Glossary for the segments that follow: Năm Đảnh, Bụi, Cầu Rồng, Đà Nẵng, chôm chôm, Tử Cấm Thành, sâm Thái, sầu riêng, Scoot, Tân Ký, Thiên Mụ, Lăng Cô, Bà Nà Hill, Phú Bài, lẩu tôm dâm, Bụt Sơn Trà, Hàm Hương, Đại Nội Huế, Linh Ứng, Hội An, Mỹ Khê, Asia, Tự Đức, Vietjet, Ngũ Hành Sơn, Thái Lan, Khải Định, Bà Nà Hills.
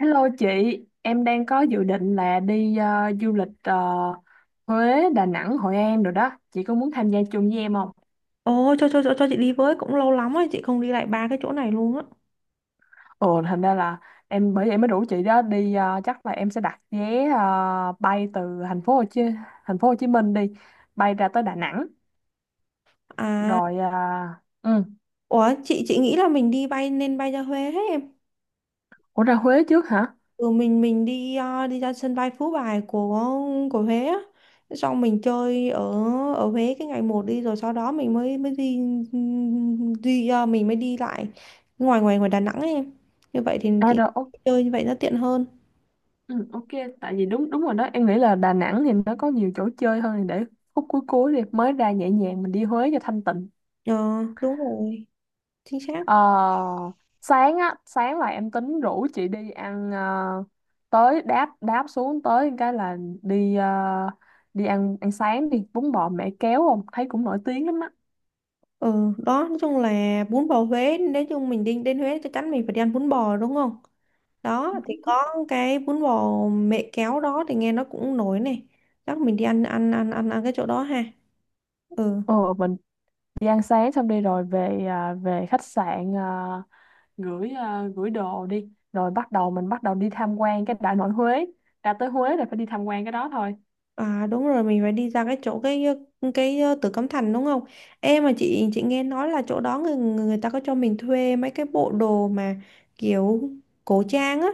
Hello chị, em đang có dự định là đi du lịch Huế, Đà Nẵng, Hội An rồi đó. Chị có muốn tham gia chung với em không? Ồ, cho chị đi với, cũng lâu lắm rồi, chị không đi lại ba cái chỗ này luôn á. Ồ, thành ra là em bởi vậy mới rủ chị đó đi. Ờ, chắc là em sẽ đặt vé bay từ thành phố Hồ Chí thành phố Hồ Chí Minh đi, bay ra tới Đà Nẵng À, rồi. Ờ, ừ. ủa, chị nghĩ là mình đi bay nên bay ra Huế hết em. Ủa ra Huế trước hả? Ừ, mình đi ra sân bay Phú Bài của Huế á. Xong mình chơi ở ở Huế cái ngày một đi, rồi sau đó mình mới mới đi đi ờ, mình mới đi lại ngoài ngoài ngoài Đà Nẵng ấy em. Như vậy thì À chị rồi, chơi như vậy nó tiện hơn. ừ, ok. Tại vì đúng đúng rồi đó. Em nghĩ là Đà Nẵng thì nó có nhiều chỗ chơi hơn để khúc cuối cuối đi mới ra nhẹ nhàng mình đi Huế cho thanh tịnh. Ờ, Đúng rồi, chính xác. Ờ, sáng là em tính rủ chị đi ăn tới đáp đáp xuống tới cái là đi ờ, đi ăn ăn sáng đi bún bò mẹ kéo không thấy cũng nổi tiếng lắm á. Ừ, đó, nói chung là bún bò Huế, nói chung mình đi đến Huế chắc chắn mình phải đi ăn bún bò đúng không? Đó thì có cái bún bò mẹ kéo đó thì nghe nó cũng nổi này, chắc mình đi ăn ăn ăn ăn ăn cái chỗ đó ha. Ừ. Ờ mình đi ăn sáng xong đi rồi về khách sạn, à, gửi đồ đi rồi bắt đầu mình bắt đầu đi tham quan cái Đại Nội Huế, ra tới Huế là phải đi tham quan cái đó thôi. À, đúng rồi, mình phải đi ra cái chỗ Tử Cấm Thành đúng không? Em mà chị nghe nói là chỗ đó người người ta có cho mình thuê mấy cái bộ đồ mà kiểu cổ trang á,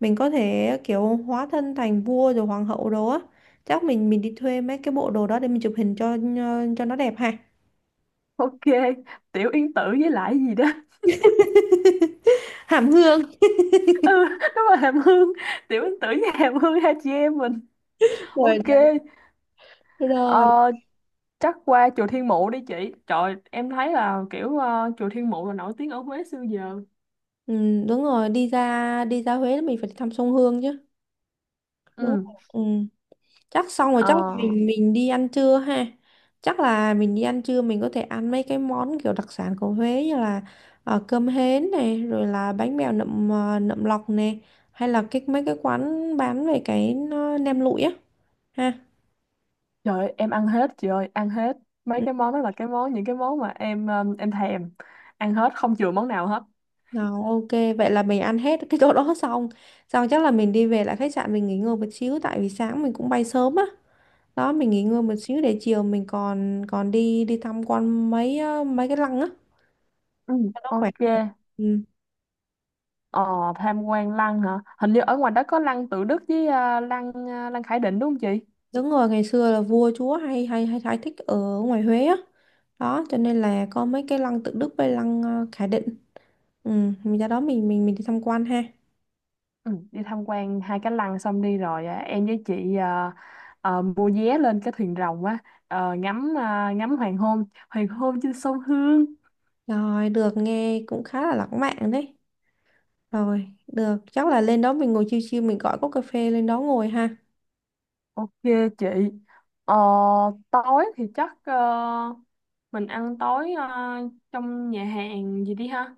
mình có thể kiểu hóa thân thành vua rồi hoàng hậu đồ á. Chắc mình đi thuê mấy cái bộ đồ đó để mình chụp hình cho nó đẹp ha. Ok, Tiểu Yên Tử với lại gì đó. Hàm Hương. Ừ, đúng rồi Hàm Hương, Tiểu Yên Tử với Hàm Hương hai chị em mình. Ok, Rồi rồi. ờ, chắc qua chùa Thiên Mụ đi chị. Trời, em thấy là kiểu chùa Thiên Mụ là nổi tiếng ở Huế xưa giờ. Ừ, đúng rồi, đi ra Huế là mình phải thăm sông Hương chứ. Đúng. Ừ. Ừ. Chắc xong rồi, chắc là ờ, mình đi ăn trưa ha. Chắc là mình đi ăn trưa, mình có thể ăn mấy cái món kiểu đặc sản của Huế như là cơm hến này, rồi là bánh bèo nậm lọc này, hay là cái mấy cái quán bán về cái nem lụi á ha. trời ơi, em ăn hết chị ơi, ăn hết. Mấy Ừ. cái món đó là cái món những cái món mà em thèm. Ăn hết không chừa món nào hết. Rồi, ok, vậy là mình ăn hết cái chỗ đó xong xong chắc là mình đi về lại khách sạn, mình nghỉ ngơi một xíu tại vì sáng mình cũng bay sớm á. Đó, mình nghỉ ngơi một xíu để chiều mình còn còn đi đi tham quan mấy mấy cái lăng á Ừ, cho nó khỏe ok. người. Ừ. Ờ, tham quan lăng hả? Hình như ở ngoài đó có lăng Tự Đức với lăng Khải Định đúng không chị? Đúng rồi, ngày xưa là vua chúa hay hay hay thái thích ở ngoài Huế á. Đó, cho nên là có mấy cái lăng Tự Đức với lăng Khải Định. Ừ, mình ra đó mình đi tham quan ha. Ừ, đi tham quan hai cái lăng xong đi rồi, à, em với chị mua vé lên cái thuyền rồng á, ngắm ngắm hoàng hôn trên sông Hương. Rồi, được, nghe cũng khá là lãng mạn đấy. Rồi, được, chắc là lên đó mình ngồi chill chill mình gọi cốc cà phê lên đó ngồi ha. Ok chị. Ờ, tối thì chắc mình ăn tối trong nhà hàng gì đi ha.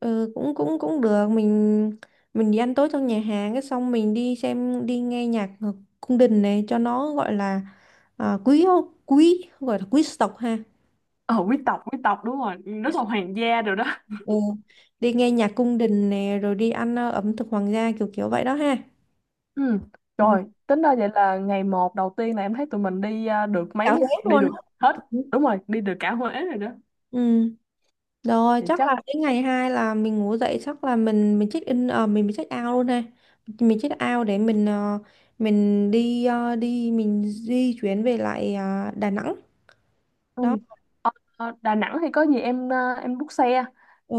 Ừ, cũng cũng cũng được, mình đi ăn tối trong nhà hàng, cái xong mình đi nghe nhạc ở cung đình này cho nó gọi là à, quý quý gọi là quý tộc ha. Ờ Quý tộc, quý tộc, đúng rồi, rất là hoàng gia rồi đó. Ừ. Đi nghe nhạc cung đình nè, rồi đi ăn ẩm thực hoàng gia kiểu kiểu vậy đó ha. Ừ. Ừ. Rồi tính ra vậy là ngày 1 đầu tiên là em thấy tụi mình đi, được Cả mấy vé đi luôn á. được hết. Ừ. Đúng rồi đi được cả Huế rồi đó Ừ, rồi, thì chắc chắc. là đến ngày hai là mình ngủ dậy, chắc là mình check in ờ, mình check out luôn ha. Mình check out để mình ờ, mình đi ờ, đi mình di chuyển về lại Đà Nẵng Ừ. đó. Ờ, Đà Nẵng thì có gì em em book xe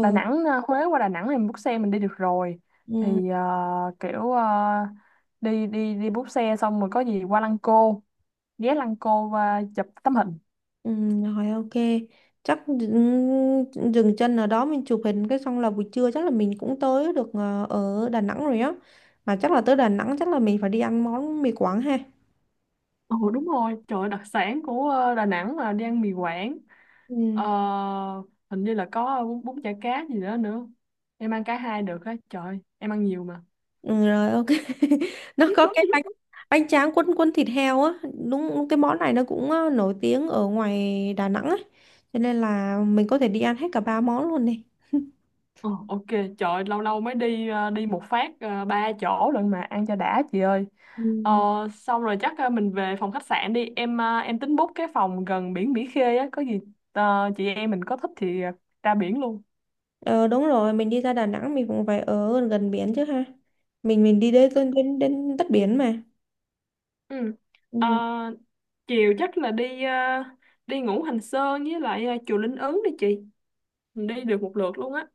Đà Nẵng, Huế qua Đà Nẵng em book xe mình đi được rồi Ừ. thì kiểu ờ, đi đi đi book xe xong rồi có gì qua Lăng Cô, ghé Lăng Cô và chụp tấm hình. Ừ, rồi, ok, chắc dừng chân ở đó mình chụp hình, cái xong là buổi trưa chắc là mình cũng tới được ở Đà Nẵng rồi á. Mà chắc là tới Đà Nẵng, chắc là mình phải đi ăn món mì Quảng ha. Ừ đúng rồi, trời ơi, đặc sản của Đà Nẵng là đi ăn mì Quảng. Ừ. Ờ, hình như là có bún, bún chả cá gì đó nữa, em ăn cả hai được á trời, em ăn nhiều mà. Ừ, rồi, ok. Nó có cái bánh bánh tráng quân quân thịt heo á. Đúng, cái món này nó cũng nổi tiếng ở ngoài Đà Nẵng ấy, cho nên là mình có thể đi ăn hết cả ba món luôn này. Ờ, ok, trời ơi, lâu lâu mới đi đi một phát ba chỗ lận mà ăn cho đã chị ơi. Ờ, Ừ. xong rồi chắc mình về phòng khách sạn đi. Em em tính book cái phòng gần biển Mỹ Khê á, có gì chị em mình có thích thì ra biển luôn. Ờ, đúng rồi, mình đi ra Đà Nẵng mình cũng phải ở gần biển chứ ha. Mình đi đến đất biển mà. Ừ. Ờ, Ừ, chiều chắc là đi đi Ngũ Hành Sơn với lại chùa Linh Ứng đi chị. Mình đi được một lượt luôn á.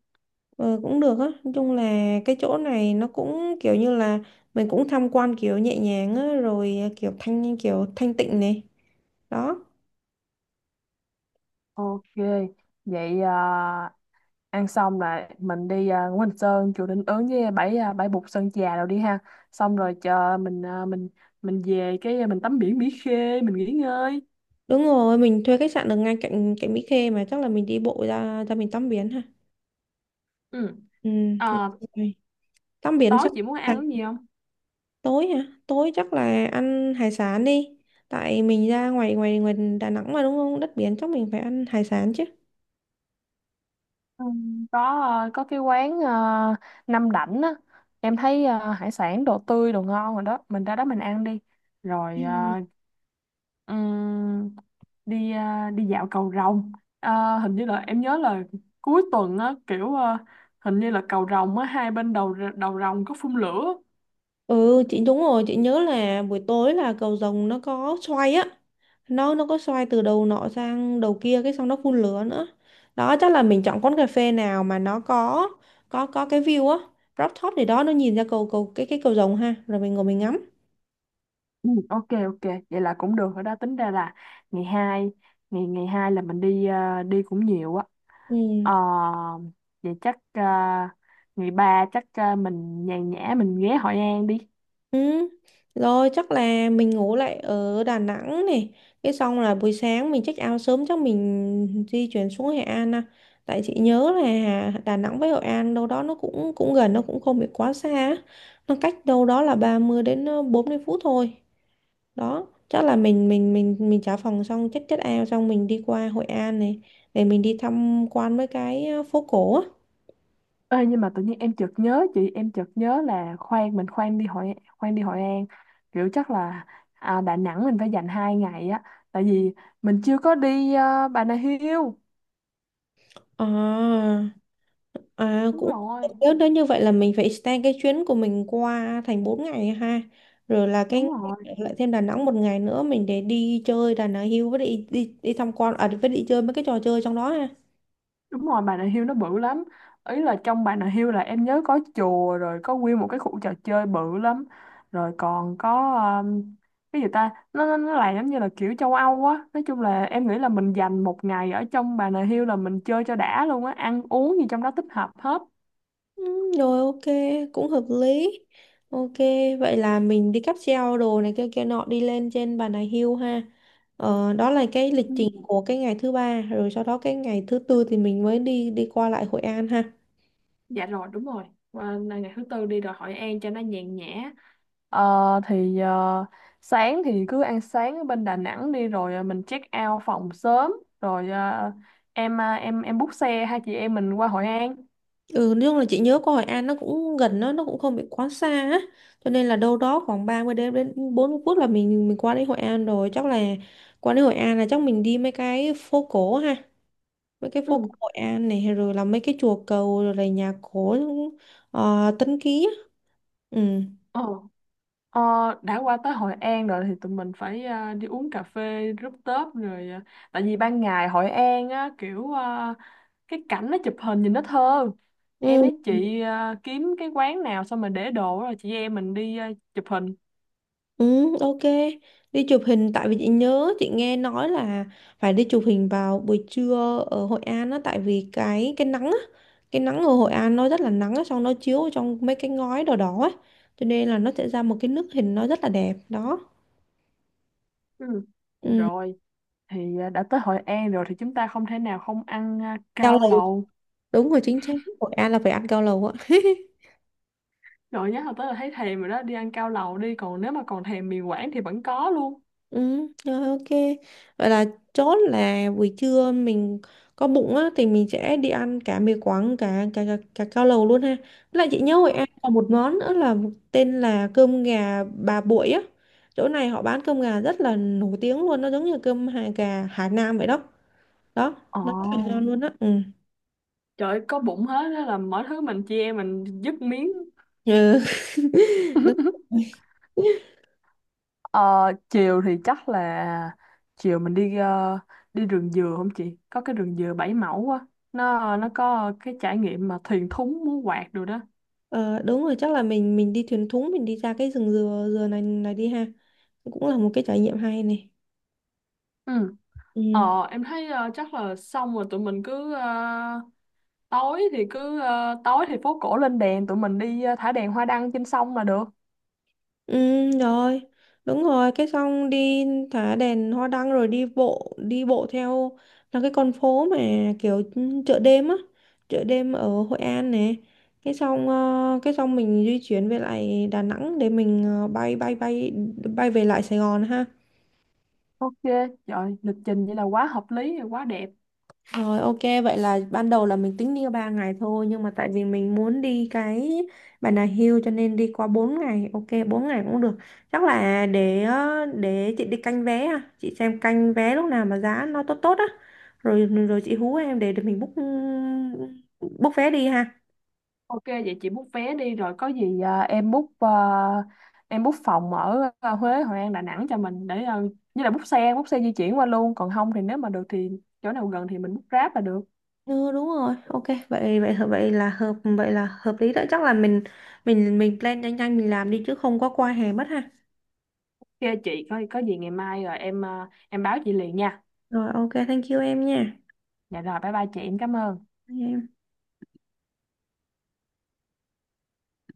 ờ, cũng được á, nói chung là cái chỗ này nó cũng kiểu như là mình cũng tham quan kiểu nhẹ nhàng á, rồi kiểu thanh tịnh này đó. Ok, vậy, à, ăn xong là mình đi, Ngũ Hành Sơn chùa Linh Ứng với bãi, bãi Bụt Sơn Trà rồi đi ha, xong rồi chờ mình về cái, mình tắm biển Mỹ Khê mình nghỉ ngơi. Đúng rồi, mình thuê khách sạn ở ngay cạnh cạnh Mỹ Khê mà, chắc là mình đi bộ ra ra mình tắm biển ha. Ừ. Ừ, được Ờ, rồi. Tắm biển tối xong. chị muốn à, ăn cái gì không? Tối hả, tối chắc là ăn hải sản đi, tại mình ra ngoài ngoài ngoài Đà Nẵng mà, đúng không, đất biển chắc mình phải ăn hải sản chứ. Ừ, có có cái quán Năm Đảnh á, em thấy hải sản đồ tươi đồ ngon rồi đó, mình ra đó mình ăn đi rồi. Ờ, Ừ. Ừm, Đi đi dạo cầu Rồng. À, hình như là em nhớ là cuối tuần á kiểu, hình như là cầu Rồng á hai bên đầu, đầu Rồng có phun lửa. Ừ, chị đúng rồi, chị nhớ là buổi tối là cầu rồng nó có xoay á, nó có xoay từ đầu nọ sang đầu kia cái xong nó phun lửa nữa đó. Chắc là mình chọn quán cà phê nào mà nó có cái view á, rooftop gì đó, nó nhìn ra cầu cầu cái cầu rồng ha, rồi mình ngồi mình ngắm. Ừ, ok ok vậy là cũng được rồi đó, tính ra là ngày 2, ngày ngày hai là mình đi, đi cũng nhiều á. Ừ. Ờ, vậy chắc, ngày 3 chắc, mình nhàn nhã mình ghé Hội An đi. Ừ. Rồi, chắc là mình ngủ lại ở Đà Nẵng này. Cái xong là buổi sáng mình check out sớm, chắc mình di chuyển xuống Hội An. À. Tại chị nhớ là Đà Nẵng với Hội An đâu đó nó cũng cũng gần, nó cũng không bị quá xa á. Nó cách đâu đó là 30 đến 40 phút thôi. Đó, chắc là mình trả phòng xong, check check out xong mình đi qua Hội An này để mình đi tham quan mấy cái phố cổ á. Ê, nhưng mà tự nhiên em chợt nhớ là khoan mình khoan đi Hội An, kiểu chắc là, Đà Nẵng mình phải dành 2 ngày á tại vì mình chưa có đi, Bà Nà Hills À. À, đúng cũng rồi, nếu đó như vậy là mình phải extend cái chuyến của mình qua thành 4 ngày ha. Rồi là cái đúng rồi. lại thêm Đà Nẵng một ngày nữa mình để đi chơi Đà Nẵng Hill với đi đi đi tham quan với đi chơi mấy cái trò chơi trong đó ha. Đúng rồi, Bà Nà Hills nó bự lắm. Ý là trong Bà Nà Hills là em nhớ có chùa rồi có nguyên một cái khu trò chơi bự lắm. Rồi còn có um, cái gì ta? Nó làm giống như là kiểu châu Âu á. Nói chung là em nghĩ là mình dành 1 ngày ở trong Bà Nà Hills là mình chơi cho đã luôn á, ăn uống gì trong đó tích hợp hết. Ừ, rồi, ok, cũng hợp lý. Ok, vậy là mình đi cáp treo đồ này kia kia nọ đi lên trên Bà Nà Hill ha. Ờ, đó là cái lịch Ừ, trình của cái ngày thứ ba, rồi sau đó cái ngày thứ tư thì mình mới đi đi qua lại Hội An ha. dạ rồi đúng rồi. Và ngày thứ tư đi rồi Hội An cho nó nhàn nhã. Ờ, thì sáng thì cứ ăn sáng ở bên Đà Nẵng đi rồi mình check out phòng sớm rồi em book xe hai chị em mình qua Hội An. Ừ, nói chung là chị nhớ có Hội An nó cũng gần, nó cũng không bị quá xa á. Cho nên là đâu đó khoảng 30 đến đến 40 phút là mình qua đến Hội An rồi. Chắc là qua đến Hội An là chắc mình đi mấy cái phố cổ ha. Mấy cái phố cổ Ừ. Hội An này, rồi là mấy cái chùa cầu, rồi là nhà cổ Tân Ký á. Ừ. Ờ. Ờ, đã qua tới Hội An rồi thì tụi mình phải đi uống cà phê rooftop rồi tại vì ban ngày Hội An á kiểu cái cảnh nó chụp hình nhìn nó thơ. Em với Ừ. chị kiếm cái quán nào xong rồi để đồ rồi chị em mình đi chụp hình. Ừ, ok. Đi chụp hình, tại vì chị nhớ chị nghe nói là phải đi chụp hình vào buổi trưa ở Hội An á, tại vì cái nắng á, cái nắng ở Hội An nó rất là nắng á, xong nó chiếu vào trong mấy cái ngói đỏ đỏ á. Cho nên là nó sẽ ra một cái nước hình nó rất là đẹp đó. Ừ. Ừ, Rồi. Thì đã tới Hội An rồi thì chúng ta không thể nào không ăn, cao cao lầu lầu. đúng rồi, chính xác. Hội An là phải ăn cao lầu á. Rồi nhớ hồi tới là thấy thèm rồi đó, đi ăn cao lầu đi, còn nếu mà còn thèm mì Quảng thì vẫn có luôn. Ừ, rồi, ok. Vậy là chốt là buổi trưa mình có bụng á thì mình sẽ đi ăn cả mì Quảng cả cao lầu luôn ha. Với lại chị nhớ Hội Đúng. An còn một món nữa là một tên là cơm gà bà Bụi á. Chỗ này họ bán cơm gà rất là nổi tiếng luôn, nó giống như cơm hà gà Hải Nam vậy đó. Đó, Ồ, nó rất là ngon luôn á. Ừ. trời ơi, có bụng hết đó là mọi thứ mình chia mình dứt miếng. Ừ. Đúng rồi. Ờ, chiều thì chắc là chiều mình đi đi rừng dừa không chị? Có cái rừng dừa 7 mẫu á. Nó có cái trải nghiệm mà thuyền thúng múa quạt rồi đó. Ờ, đúng rồi, chắc là mình đi thuyền thúng mình đi ra cái rừng dừa dừa này này đi ha. Cũng là một cái trải nghiệm hay này. Ừ. Ừ. Ờ, em thấy chắc là xong rồi tụi mình tối thì phố cổ lên đèn tụi mình đi thả đèn hoa đăng trên sông là được. Ừ, rồi, đúng rồi, cái xong đi thả đèn hoa đăng rồi đi bộ theo là cái con phố mà kiểu chợ đêm á, chợ đêm ở Hội An nè. Cái xong mình di chuyển về lại Đà Nẵng để bay bay bay bay về lại Sài Gòn ha. Ok, trời lịch trình vậy là quá hợp lý rồi quá đẹp. Rồi, ok, vậy là ban đầu là mình tính đi 3 ngày thôi nhưng mà tại vì mình muốn đi cái Bà Nà Hill cho nên đi qua 4 ngày. Ok, 4 ngày cũng được. Chắc là để chị đi canh vé, à, chị xem canh vé lúc nào mà giá nó tốt tốt á. Rồi rồi chị hú em để mình book book vé đi ha. Ok vậy chị book vé đi rồi có gì em book phòng ở Huế, Hội An, Đà Nẵng cho mình để như là book xe di chuyển qua luôn, còn không thì nếu mà được thì chỗ nào gần thì mình book Grab là được. Ừ, đúng rồi. Ok, vậy vậy vậy là hợp lý đó. Chắc là mình plan nhanh nhanh mình làm đi, chứ không có qua hè mất ha. Ok chị có gì ngày mai rồi em báo chị liền nha. Rồi, ok, thank you em nha. Dạ rồi bye bye chị, em cảm ơn. Thank you em.